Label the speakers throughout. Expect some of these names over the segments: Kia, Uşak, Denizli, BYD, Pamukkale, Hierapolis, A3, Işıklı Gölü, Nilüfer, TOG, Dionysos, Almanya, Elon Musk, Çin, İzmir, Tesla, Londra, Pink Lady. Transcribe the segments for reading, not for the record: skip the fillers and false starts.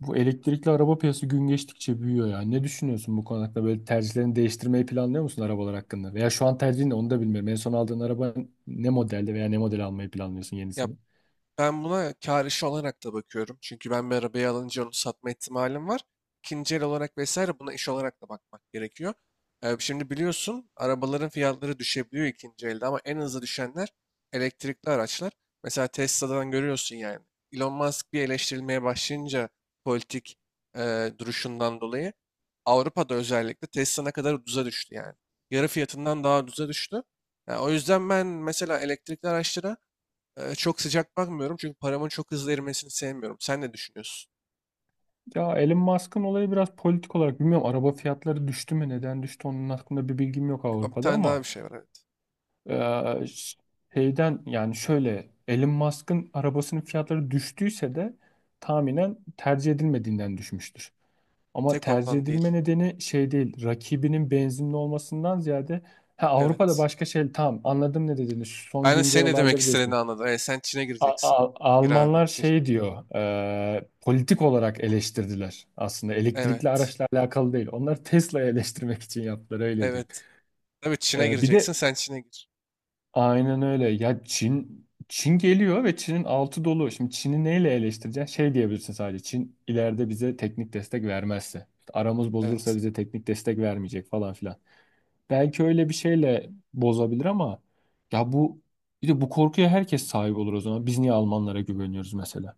Speaker 1: Bu elektrikli araba piyasası gün geçtikçe büyüyor ya. Ne düşünüyorsun bu konu hakkında? Böyle tercihlerini değiştirmeyi planlıyor musun arabalar hakkında? Veya şu an tercihin ne onu da bilmiyorum. En son aldığın araba ne modelde veya ne model almayı planlıyorsun
Speaker 2: Ya
Speaker 1: yenisini?
Speaker 2: ben buna kar işi olarak da bakıyorum. Çünkü ben bir arabayı alınca onu satma ihtimalim var. İkinci el olarak vesaire buna iş olarak da bakmak gerekiyor. Şimdi biliyorsun arabaların fiyatları düşebiliyor ikinci elde ama en hızlı düşenler elektrikli araçlar. Mesela Tesla'dan görüyorsun yani. Elon Musk bir eleştirilmeye başlayınca politik duruşundan dolayı Avrupa'da özellikle Tesla ne kadar ucuza düştü yani. Yarı fiyatından daha ucuza düştü. Yani o yüzden ben mesela elektrikli araçlara çok sıcak bakmıyorum çünkü paramın çok hızlı erimesini sevmiyorum. Sen ne düşünüyorsun?
Speaker 1: Ya Elon Musk'ın olayı biraz politik olarak bilmiyorum. Araba fiyatları düştü mü? Neden düştü? Onun hakkında bir bilgim yok
Speaker 2: Bir
Speaker 1: Avrupa'da
Speaker 2: tane daha
Speaker 1: ama
Speaker 2: bir şey var, evet.
Speaker 1: eee, şeyden yani şöyle Elon Musk'ın arabasının fiyatları düştüyse de tahminen tercih edilmediğinden düşmüştür. Ama
Speaker 2: Tek
Speaker 1: tercih
Speaker 2: ondan değil.
Speaker 1: edilme nedeni şey değil, rakibinin benzinli olmasından ziyade ha, Avrupa'da
Speaker 2: Evet.
Speaker 1: başka şey tamam anladım ne dediğini şu son
Speaker 2: Ben de
Speaker 1: güncel
Speaker 2: senin ne demek
Speaker 1: olayları
Speaker 2: istediğini
Speaker 1: diyorsun.
Speaker 2: anladım. Evet, sen Çin'e
Speaker 1: A-
Speaker 2: gireceksin.
Speaker 1: A-
Speaker 2: Gir abi
Speaker 1: Almanlar
Speaker 2: gir.
Speaker 1: şey diyor e, politik olarak eleştirdiler aslında elektrikli
Speaker 2: Evet.
Speaker 1: araçla alakalı değil. Onları Tesla'yı eleştirmek için yaptılar öyle diyeyim.
Speaker 2: Evet. Tabii Çin'e
Speaker 1: E, bir
Speaker 2: gireceksin,
Speaker 1: de
Speaker 2: sen Çin'e gir.
Speaker 1: aynen öyle. Ya Çin geliyor ve Çin'in altı dolu. Şimdi Çin'i neyle eleştireceksin? Şey diyebilirsin sadece. Çin ileride bize teknik destek vermezse. İşte aramız bozulursa
Speaker 2: Evet.
Speaker 1: bize teknik destek vermeyecek falan filan. Belki öyle bir şeyle bozabilir ama ya bu bir de bu korkuya herkes sahip olur o zaman. Biz niye Almanlara güveniyoruz mesela?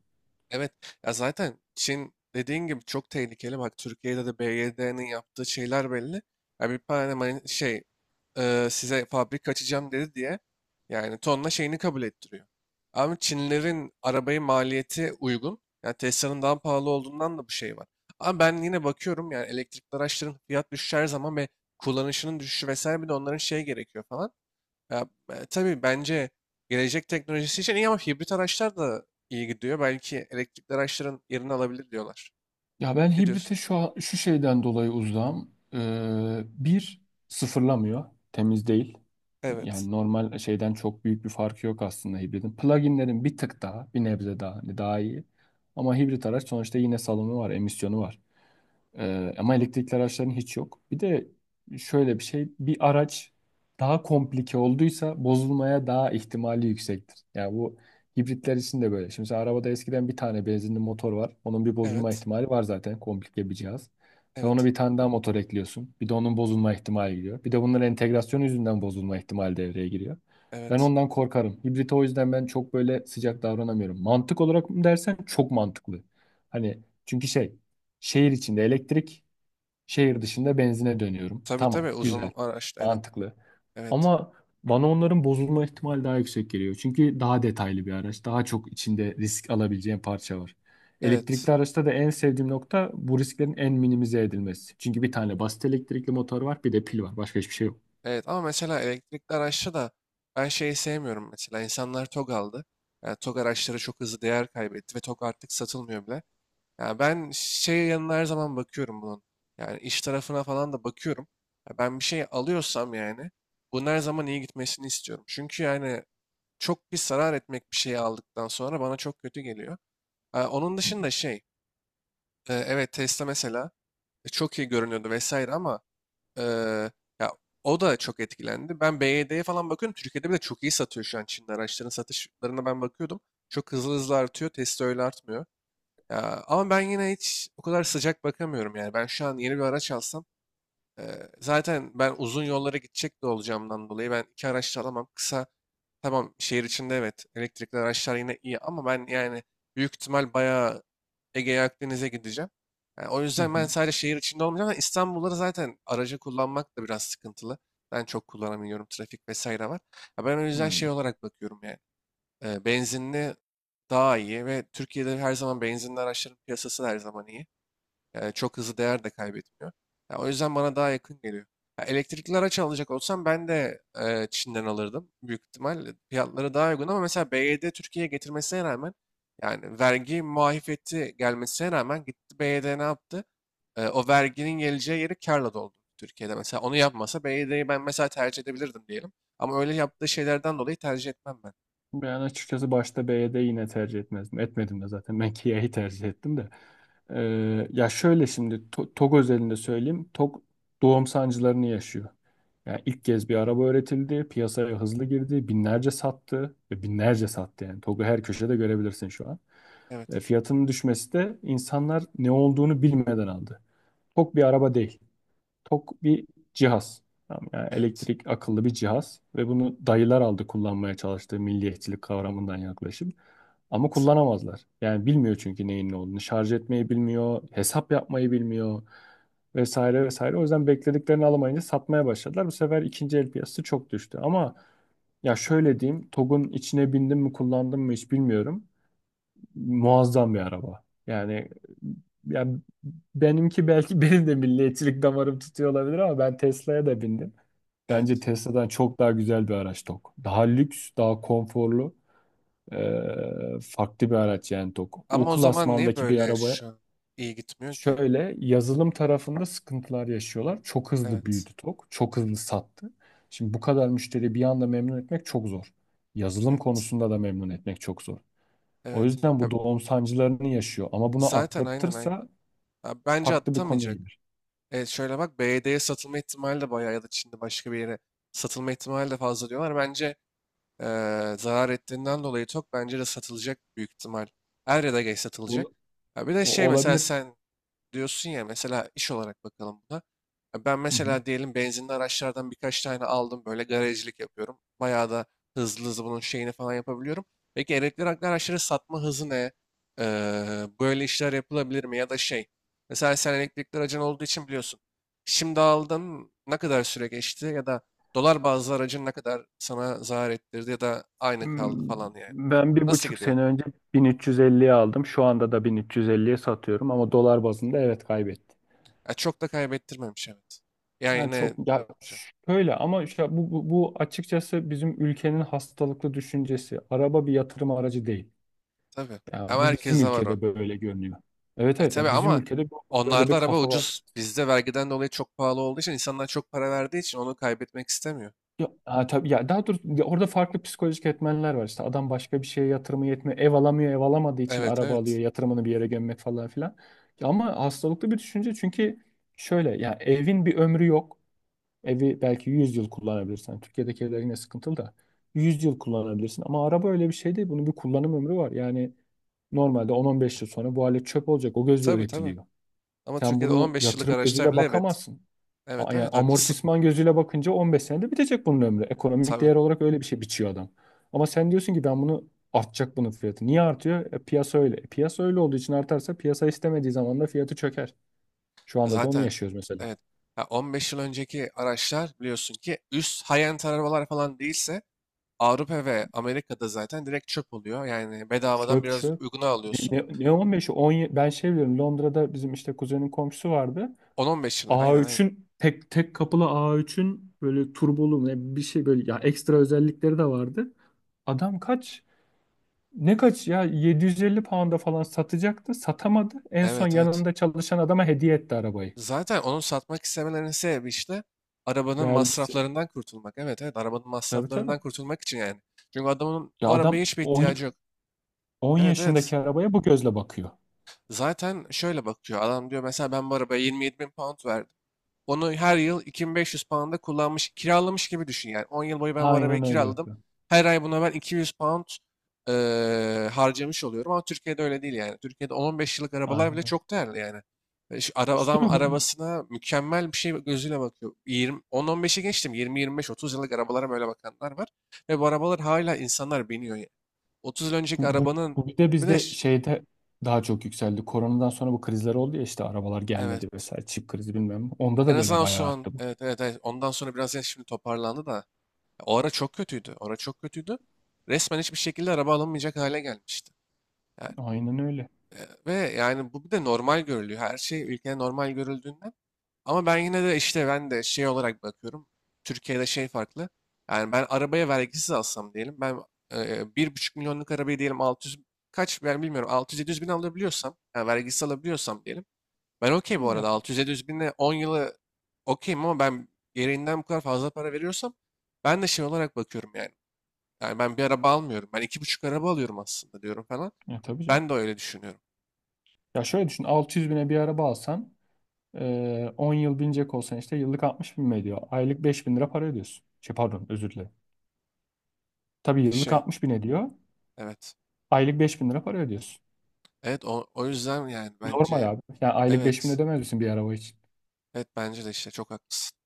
Speaker 2: Evet. Ya zaten Çin dediğin gibi çok tehlikeli. Bak, Türkiye'de de BYD'nin yaptığı şeyler belli. Ya bir tane size fabrika açacağım dedi diye yani tonla şeyini kabul ettiriyor. Ama Çinlerin arabayı maliyeti uygun. Yani Tesla'nın daha pahalı olduğundan da bu şey var. Ama ben yine bakıyorum yani, elektrikli araçların fiyat düşüşü her zaman ve kullanışının düşüşü vesaire, bir de onların şey gerekiyor falan. Ya, tabii bence gelecek teknolojisi için iyi ama hibrit araçlar da iyi gidiyor. Belki elektrikli araçların yerini alabilir diyorlar.
Speaker 1: Ya ben
Speaker 2: Ne
Speaker 1: hibrite
Speaker 2: diyorsun?
Speaker 1: şu an- şu şeyden dolayı uzağım. Bir sıfırlamıyor, temiz değil.
Speaker 2: Evet.
Speaker 1: Yani normal şeyden çok büyük bir farkı yok aslında hibridin. Pluginlerin bir tık daha, bir nebze daha, hani daha iyi. Ama hibrit araç sonuçta yine salımı var, emisyonu var. Ama elektrikli araçların hiç yok. Bir de şöyle bir şey, bir araç daha komplike olduysa bozulmaya daha ihtimali yüksektir. Yani bu hibritler için de böyle. Şimdi mesela arabada eskiden bir tane benzinli motor var. Onun bir bozulma
Speaker 2: Evet.
Speaker 1: ihtimali var zaten komplike bir cihaz. Sen ona
Speaker 2: Evet.
Speaker 1: bir tane daha motor ekliyorsun. Bir de onun bozulma ihtimali giriyor. Bir de bunların entegrasyon yüzünden bozulma ihtimali devreye giriyor. Ben
Speaker 2: Evet.
Speaker 1: ondan korkarım. Hibrite o yüzden ben çok böyle sıcak davranamıyorum. Mantık olarak mı dersen çok mantıklı. Hani çünkü şey şehir içinde elektrik, şehir dışında benzine dönüyorum.
Speaker 2: Tabii
Speaker 1: Tamam,
Speaker 2: tabii,
Speaker 1: güzel,
Speaker 2: uzun araç. Evet.
Speaker 1: mantıklı.
Speaker 2: Evet.
Speaker 1: Ama bana onların bozulma ihtimali daha yüksek geliyor. Çünkü daha detaylı bir araç, daha çok içinde risk alabileceğin parça var. Elektrikli
Speaker 2: Evet.
Speaker 1: araçta da en sevdiğim nokta bu risklerin en minimize edilmesi. Çünkü bir tane basit elektrikli motor var, bir de pil var. Başka hiçbir şey yok.
Speaker 2: Evet, ama mesela elektrikli araçta da ben şeyi sevmiyorum mesela. İnsanlar TOG aldı. Yani TOG araçları çok hızlı değer kaybetti ve TOG artık satılmıyor bile. Ya ben şey yanına her zaman bakıyorum bunun. Yani iş tarafına falan da bakıyorum. Ya ben bir şey alıyorsam yani bunun her zaman iyi gitmesini istiyorum. Çünkü yani çok bir zarar etmek bir şeyi aldıktan sonra bana çok kötü geliyor. Ha, onun dışında evet, Tesla mesela çok iyi görünüyordu vesaire ama e, ya o da çok etkilendi. Ben BYD'ye falan bakıyorum. Türkiye'de bile çok iyi satıyor, şu an Çin'de. Araçların satışlarına ben bakıyordum. Çok hızlı hızlı artıyor. Tesla öyle artmıyor. Ya, ama ben yine hiç o kadar sıcak bakamıyorum yani. Ben şu an yeni bir araç alsam zaten ben uzun yollara gidecek de olacağımdan dolayı ben iki araç da alamam. Kısa, tamam, şehir içinde evet elektrikli araçlar yine iyi ama ben yani büyük ihtimal bayağı Ege'ye, Akdeniz'e gideceğim. Yani o
Speaker 1: Hı
Speaker 2: yüzden ben
Speaker 1: hı.
Speaker 2: sadece şehir içinde olmayacağım. Ama İstanbul'da zaten aracı kullanmak da biraz sıkıntılı. Ben çok kullanamıyorum. Trafik vesaire var. Ya ben o yüzden şey
Speaker 1: Hı.
Speaker 2: olarak bakıyorum yani. Benzinli daha iyi ve Türkiye'de her zaman benzinli araçların piyasası da her zaman iyi. Yani çok hızlı değer de kaybetmiyor. Ya o yüzden bana daha yakın geliyor. Ya elektrikli araç alacak olsam ben de Çin'den alırdım. Büyük ihtimal fiyatları daha uygun ama mesela BYD Türkiye'ye getirmesine rağmen, yani vergi muafiyeti gelmesine rağmen, gitti BYD ne yaptı? O verginin geleceği yeri karla doldu Türkiye'de. Mesela onu yapmasa BYD'yi ben mesela tercih edebilirdim diyelim. Ama öyle yaptığı şeylerden dolayı tercih etmem ben.
Speaker 1: Ben açıkçası başta B'de yine tercih etmezdim. Etmedim de zaten. Ben Kia'yı tercih ettim de. Ya şöyle şimdi TOG özelinde söyleyeyim. TOG doğum sancılarını yaşıyor. Yani ilk kez bir araba üretildi. Piyasaya hızlı girdi. Binlerce sattı. Ve binlerce sattı yani. TOG'u her köşede görebilirsin şu an.
Speaker 2: Evet.
Speaker 1: E, fiyatının düşmesi de insanlar ne olduğunu bilmeden aldı. TOG bir araba değil. Tok bir cihaz. Tamam, yani
Speaker 2: Evet.
Speaker 1: elektrik akıllı bir cihaz ve bunu dayılar aldı kullanmaya çalıştığı milliyetçilik kavramından yaklaşım. Ama
Speaker 2: Evet.
Speaker 1: kullanamazlar. Yani bilmiyor çünkü neyin ne olduğunu. Şarj etmeyi bilmiyor, hesap yapmayı bilmiyor vesaire vesaire. O yüzden beklediklerini alamayınca satmaya başladılar. Bu sefer ikinci el piyasası çok düştü. Ama ya şöyle diyeyim, TOG'un içine bindim mi kullandım mı hiç bilmiyorum muazzam bir araba. Yani benimki belki benim de milliyetçilik damarım tutuyor olabilir ama ben Tesla'ya da bindim. Bence
Speaker 2: Evet.
Speaker 1: Tesla'dan çok daha güzel bir araç tok. Daha lüks, daha konforlu, farklı bir araç yani tok. O
Speaker 2: Ama o zaman niye
Speaker 1: klasmandaki bir
Speaker 2: böyle
Speaker 1: arabaya
Speaker 2: şu an iyi gitmiyor ki?
Speaker 1: şöyle yazılım tarafında sıkıntılar yaşıyorlar. Çok hızlı
Speaker 2: Evet.
Speaker 1: büyüdü tok, çok hızlı sattı. Şimdi bu kadar müşteri bir anda memnun etmek çok zor. Yazılım
Speaker 2: Evet.
Speaker 1: konusunda da memnun etmek çok zor. O
Speaker 2: Evet.
Speaker 1: yüzden
Speaker 2: Ya
Speaker 1: bu doğum sancılarını yaşıyor. Ama bunu
Speaker 2: zaten, aynen aynen.
Speaker 1: atlatırsa
Speaker 2: Ya bence
Speaker 1: farklı bir konuya
Speaker 2: atamayacak.
Speaker 1: gelir.
Speaker 2: Evet, şöyle bak, BD'ye satılma ihtimali de bayağı ya da Çin'de başka bir yere satılma ihtimali de fazla diyorlar. Bence zarar ettiğinden dolayı çok, bence de satılacak büyük ihtimal. Er ya da geç satılacak.
Speaker 1: Ol-
Speaker 2: Ya bir de şey, mesela
Speaker 1: olabilir.
Speaker 2: sen diyorsun ya, mesela iş olarak bakalım buna. Ya ben
Speaker 1: Hı hı.
Speaker 2: mesela diyelim benzinli araçlardan birkaç tane aldım, böyle garajcılık yapıyorum. Bayağı da hızlı hızlı bunun şeyini falan yapabiliyorum. Peki elektrikli araçları satma hızı ne? Böyle işler yapılabilir mi? Ya da şey, mesela sen elektrikli aracın olduğu için biliyorsun. Şimdi aldın, ne kadar süre geçti ya da dolar bazlı aracın ne kadar sana zarar ettirdi ya da aynı kaldı
Speaker 1: Hmm,
Speaker 2: falan yani.
Speaker 1: ben bir
Speaker 2: Nasıl
Speaker 1: buçuk
Speaker 2: gidiyor?
Speaker 1: sene önce 1350'ye aldım. Şu anda da 1350'ye satıyorum ama dolar bazında evet kaybetti.
Speaker 2: Ya çok da kaybettirmemiş, evet. Yani
Speaker 1: Yani
Speaker 2: ne.
Speaker 1: çok ya şöyle ama işte bu açıkçası bizim ülkenin hastalıklı düşüncesi. Araba bir yatırım aracı değil.
Speaker 2: Tabii.
Speaker 1: Yani
Speaker 2: Ama
Speaker 1: bu bizim
Speaker 2: herkeste var o.
Speaker 1: ülkede böyle görünüyor. Evet, evet,
Speaker 2: Tabii
Speaker 1: yani bizim
Speaker 2: ama
Speaker 1: ülkede böyle
Speaker 2: onlarda
Speaker 1: bir
Speaker 2: araba
Speaker 1: kafa var.
Speaker 2: ucuz. Bizde vergiden dolayı çok pahalı olduğu için, insanlar çok para verdiği için onu kaybetmek istemiyor.
Speaker 1: Ya, ha, tabii ya daha doğrusu ya orada farklı psikolojik etmenler var işte adam başka bir şeye yatırımı yetmiyor ev alamıyor ev alamadığı için
Speaker 2: Evet
Speaker 1: araba alıyor
Speaker 2: evet.
Speaker 1: yatırımını bir yere gömmek falan filan. Ya ama hastalıklı bir düşünce çünkü şöyle ya evin bir ömrü yok, evi belki 100 yıl kullanabilirsin. Yani Türkiye'deki evler yine sıkıntılı da 100 yıl kullanabilirsin, ama araba öyle bir şey değil, bunun bir kullanım ömrü var. Yani normalde 10-15 yıl sonra bu alet çöp olacak, o gözle
Speaker 2: Tabii tabii.
Speaker 1: üretiliyor.
Speaker 2: Ama
Speaker 1: Sen
Speaker 2: Türkiye'de
Speaker 1: bunu
Speaker 2: 15 yıllık
Speaker 1: yatırım
Speaker 2: araçlar
Speaker 1: gözüyle
Speaker 2: bile, evet.
Speaker 1: bakamazsın.
Speaker 2: Evet
Speaker 1: Yani
Speaker 2: evet, haklısın.
Speaker 1: amortisman gözüyle bakınca 15 senede bitecek bunun ömrü. Ekonomik
Speaker 2: Tabii.
Speaker 1: değer olarak öyle bir şey biçiyor adam. Ama sen diyorsun ki ben bunu artacak bunun fiyatı. Niye artıyor? E, piyasa öyle. E, piyasa öyle olduğu için artarsa piyasa istemediği zaman da fiyatı çöker. Şu anda da onu
Speaker 2: Zaten
Speaker 1: yaşıyoruz mesela.
Speaker 2: evet. Ha, 15 yıl önceki araçlar biliyorsun ki üst high-end arabalar falan değilse Avrupa ve Amerika'da zaten direkt çöp oluyor. Yani bedavadan
Speaker 1: Çöp
Speaker 2: biraz
Speaker 1: çöp.
Speaker 2: uyguna
Speaker 1: Ne,
Speaker 2: alıyorsun.
Speaker 1: ne, ne 15'i? 10, ben şey biliyorum Londra'da bizim işte kuzenin komşusu vardı.
Speaker 2: 10-15 yıl. Aynen aynen.
Speaker 1: A3'ün tek tek kapılı A3'ün böyle turbolu ne bir şey böyle ya ekstra özellikleri de vardı. Adam kaç? Ne kaç ya 750 pound'a falan satacaktı. Satamadı. En son
Speaker 2: Evet evet.
Speaker 1: yanında çalışan adama hediye etti arabayı.
Speaker 2: Zaten onu satmak istemelerinin sebebi işte arabanın
Speaker 1: Vergisi.
Speaker 2: masraflarından kurtulmak. Evet evet, arabanın
Speaker 1: Tabii, tabii.
Speaker 2: masraflarından kurtulmak için yani. Çünkü adamın
Speaker 1: Ya
Speaker 2: o arabaya
Speaker 1: adam
Speaker 2: hiçbir
Speaker 1: 10,
Speaker 2: ihtiyacı yok.
Speaker 1: 10
Speaker 2: Evet evet.
Speaker 1: yaşındaki arabaya bu gözle bakıyor.
Speaker 2: Zaten şöyle bakıyor. Adam diyor mesela, ben bu arabaya 27 bin pound verdim. Onu her yıl 2500 pound'a kullanmış, kiralamış gibi düşün yani. 10 yıl boyu ben bu arabayı
Speaker 1: Aynen öyle
Speaker 2: kiraladım.
Speaker 1: yapıyor.
Speaker 2: Her ay buna ben 200 pound harcamış oluyorum ama Türkiye'de öyle değil yani. Türkiye'de 10-15 yıllık arabalar
Speaker 1: Aynen
Speaker 2: bile
Speaker 1: öyle.
Speaker 2: çok değerli yani.
Speaker 1: İşte
Speaker 2: Adam
Speaker 1: değil mi? Bu,
Speaker 2: arabasına mükemmel bir şey gözüyle bakıyor. 20, 10-15'e geçtim. 20-25-30 yıllık arabalara böyle bakanlar var. Ve bu arabalar hala insanlar biniyor. Yani. 30 yıl önceki
Speaker 1: bu, bu,
Speaker 2: arabanın
Speaker 1: bu bir de
Speaker 2: bir de
Speaker 1: bizde şeyde daha çok yükseldi. Koronadan sonra bu krizler oldu ya işte arabalar gelmedi
Speaker 2: evet,
Speaker 1: vesaire. Çip krizi bilmem ne. Onda
Speaker 2: en
Speaker 1: da böyle
Speaker 2: azından şu
Speaker 1: bayağı
Speaker 2: an,
Speaker 1: arttı bu.
Speaker 2: evet, evet, evet, ondan sonra biraz, ya şimdi toparlandı da. O ara çok kötüydü. O ara çok kötüydü. Resmen hiçbir şekilde araba alamayacak hale gelmişti. Yani,
Speaker 1: Aynen öyle.
Speaker 2: e, ve yani bu bir de normal görülüyor. Her şey ülkede normal görüldüğünden. Ama ben yine de işte, ben de şey olarak bakıyorum. Türkiye'de şey farklı. Yani ben arabaya vergisiz alsam diyelim. Ben bir buçuk milyonluk arabayı diyelim 600, kaç ben bilmiyorum, 600-700 bin alabiliyorsam, yani vergisiz alabiliyorsam diyelim. Ben okey, bu arada
Speaker 1: Yaklaşık.
Speaker 2: 600-700 binle 10 yılı okeyim ama ben gereğinden bu kadar fazla para veriyorsam, ben de şey olarak bakıyorum yani. Yani ben bir araba almıyorum. Ben iki buçuk araba alıyorum aslında diyorum falan.
Speaker 1: Ya tabii canım.
Speaker 2: Ben de öyle düşünüyorum.
Speaker 1: Ya şöyle düşün 600 bine bir araba alsan, ee, 10 yıl binecek olsan işte yıllık 60 bin mi ediyor? Aylık 5 bin lira para ödüyorsun. Şey pardon özür dilerim. Tabii yıllık
Speaker 2: Şey,
Speaker 1: 60 bin ediyor.
Speaker 2: evet.
Speaker 1: Aylık 5 bin lira para ödüyorsun.
Speaker 2: Evet, o yüzden yani
Speaker 1: Normal
Speaker 2: bence,
Speaker 1: abi. Yani aylık 5 bin
Speaker 2: evet.
Speaker 1: ödemez misin bir araba için?
Speaker 2: Evet, bence de işte, çok haklısın.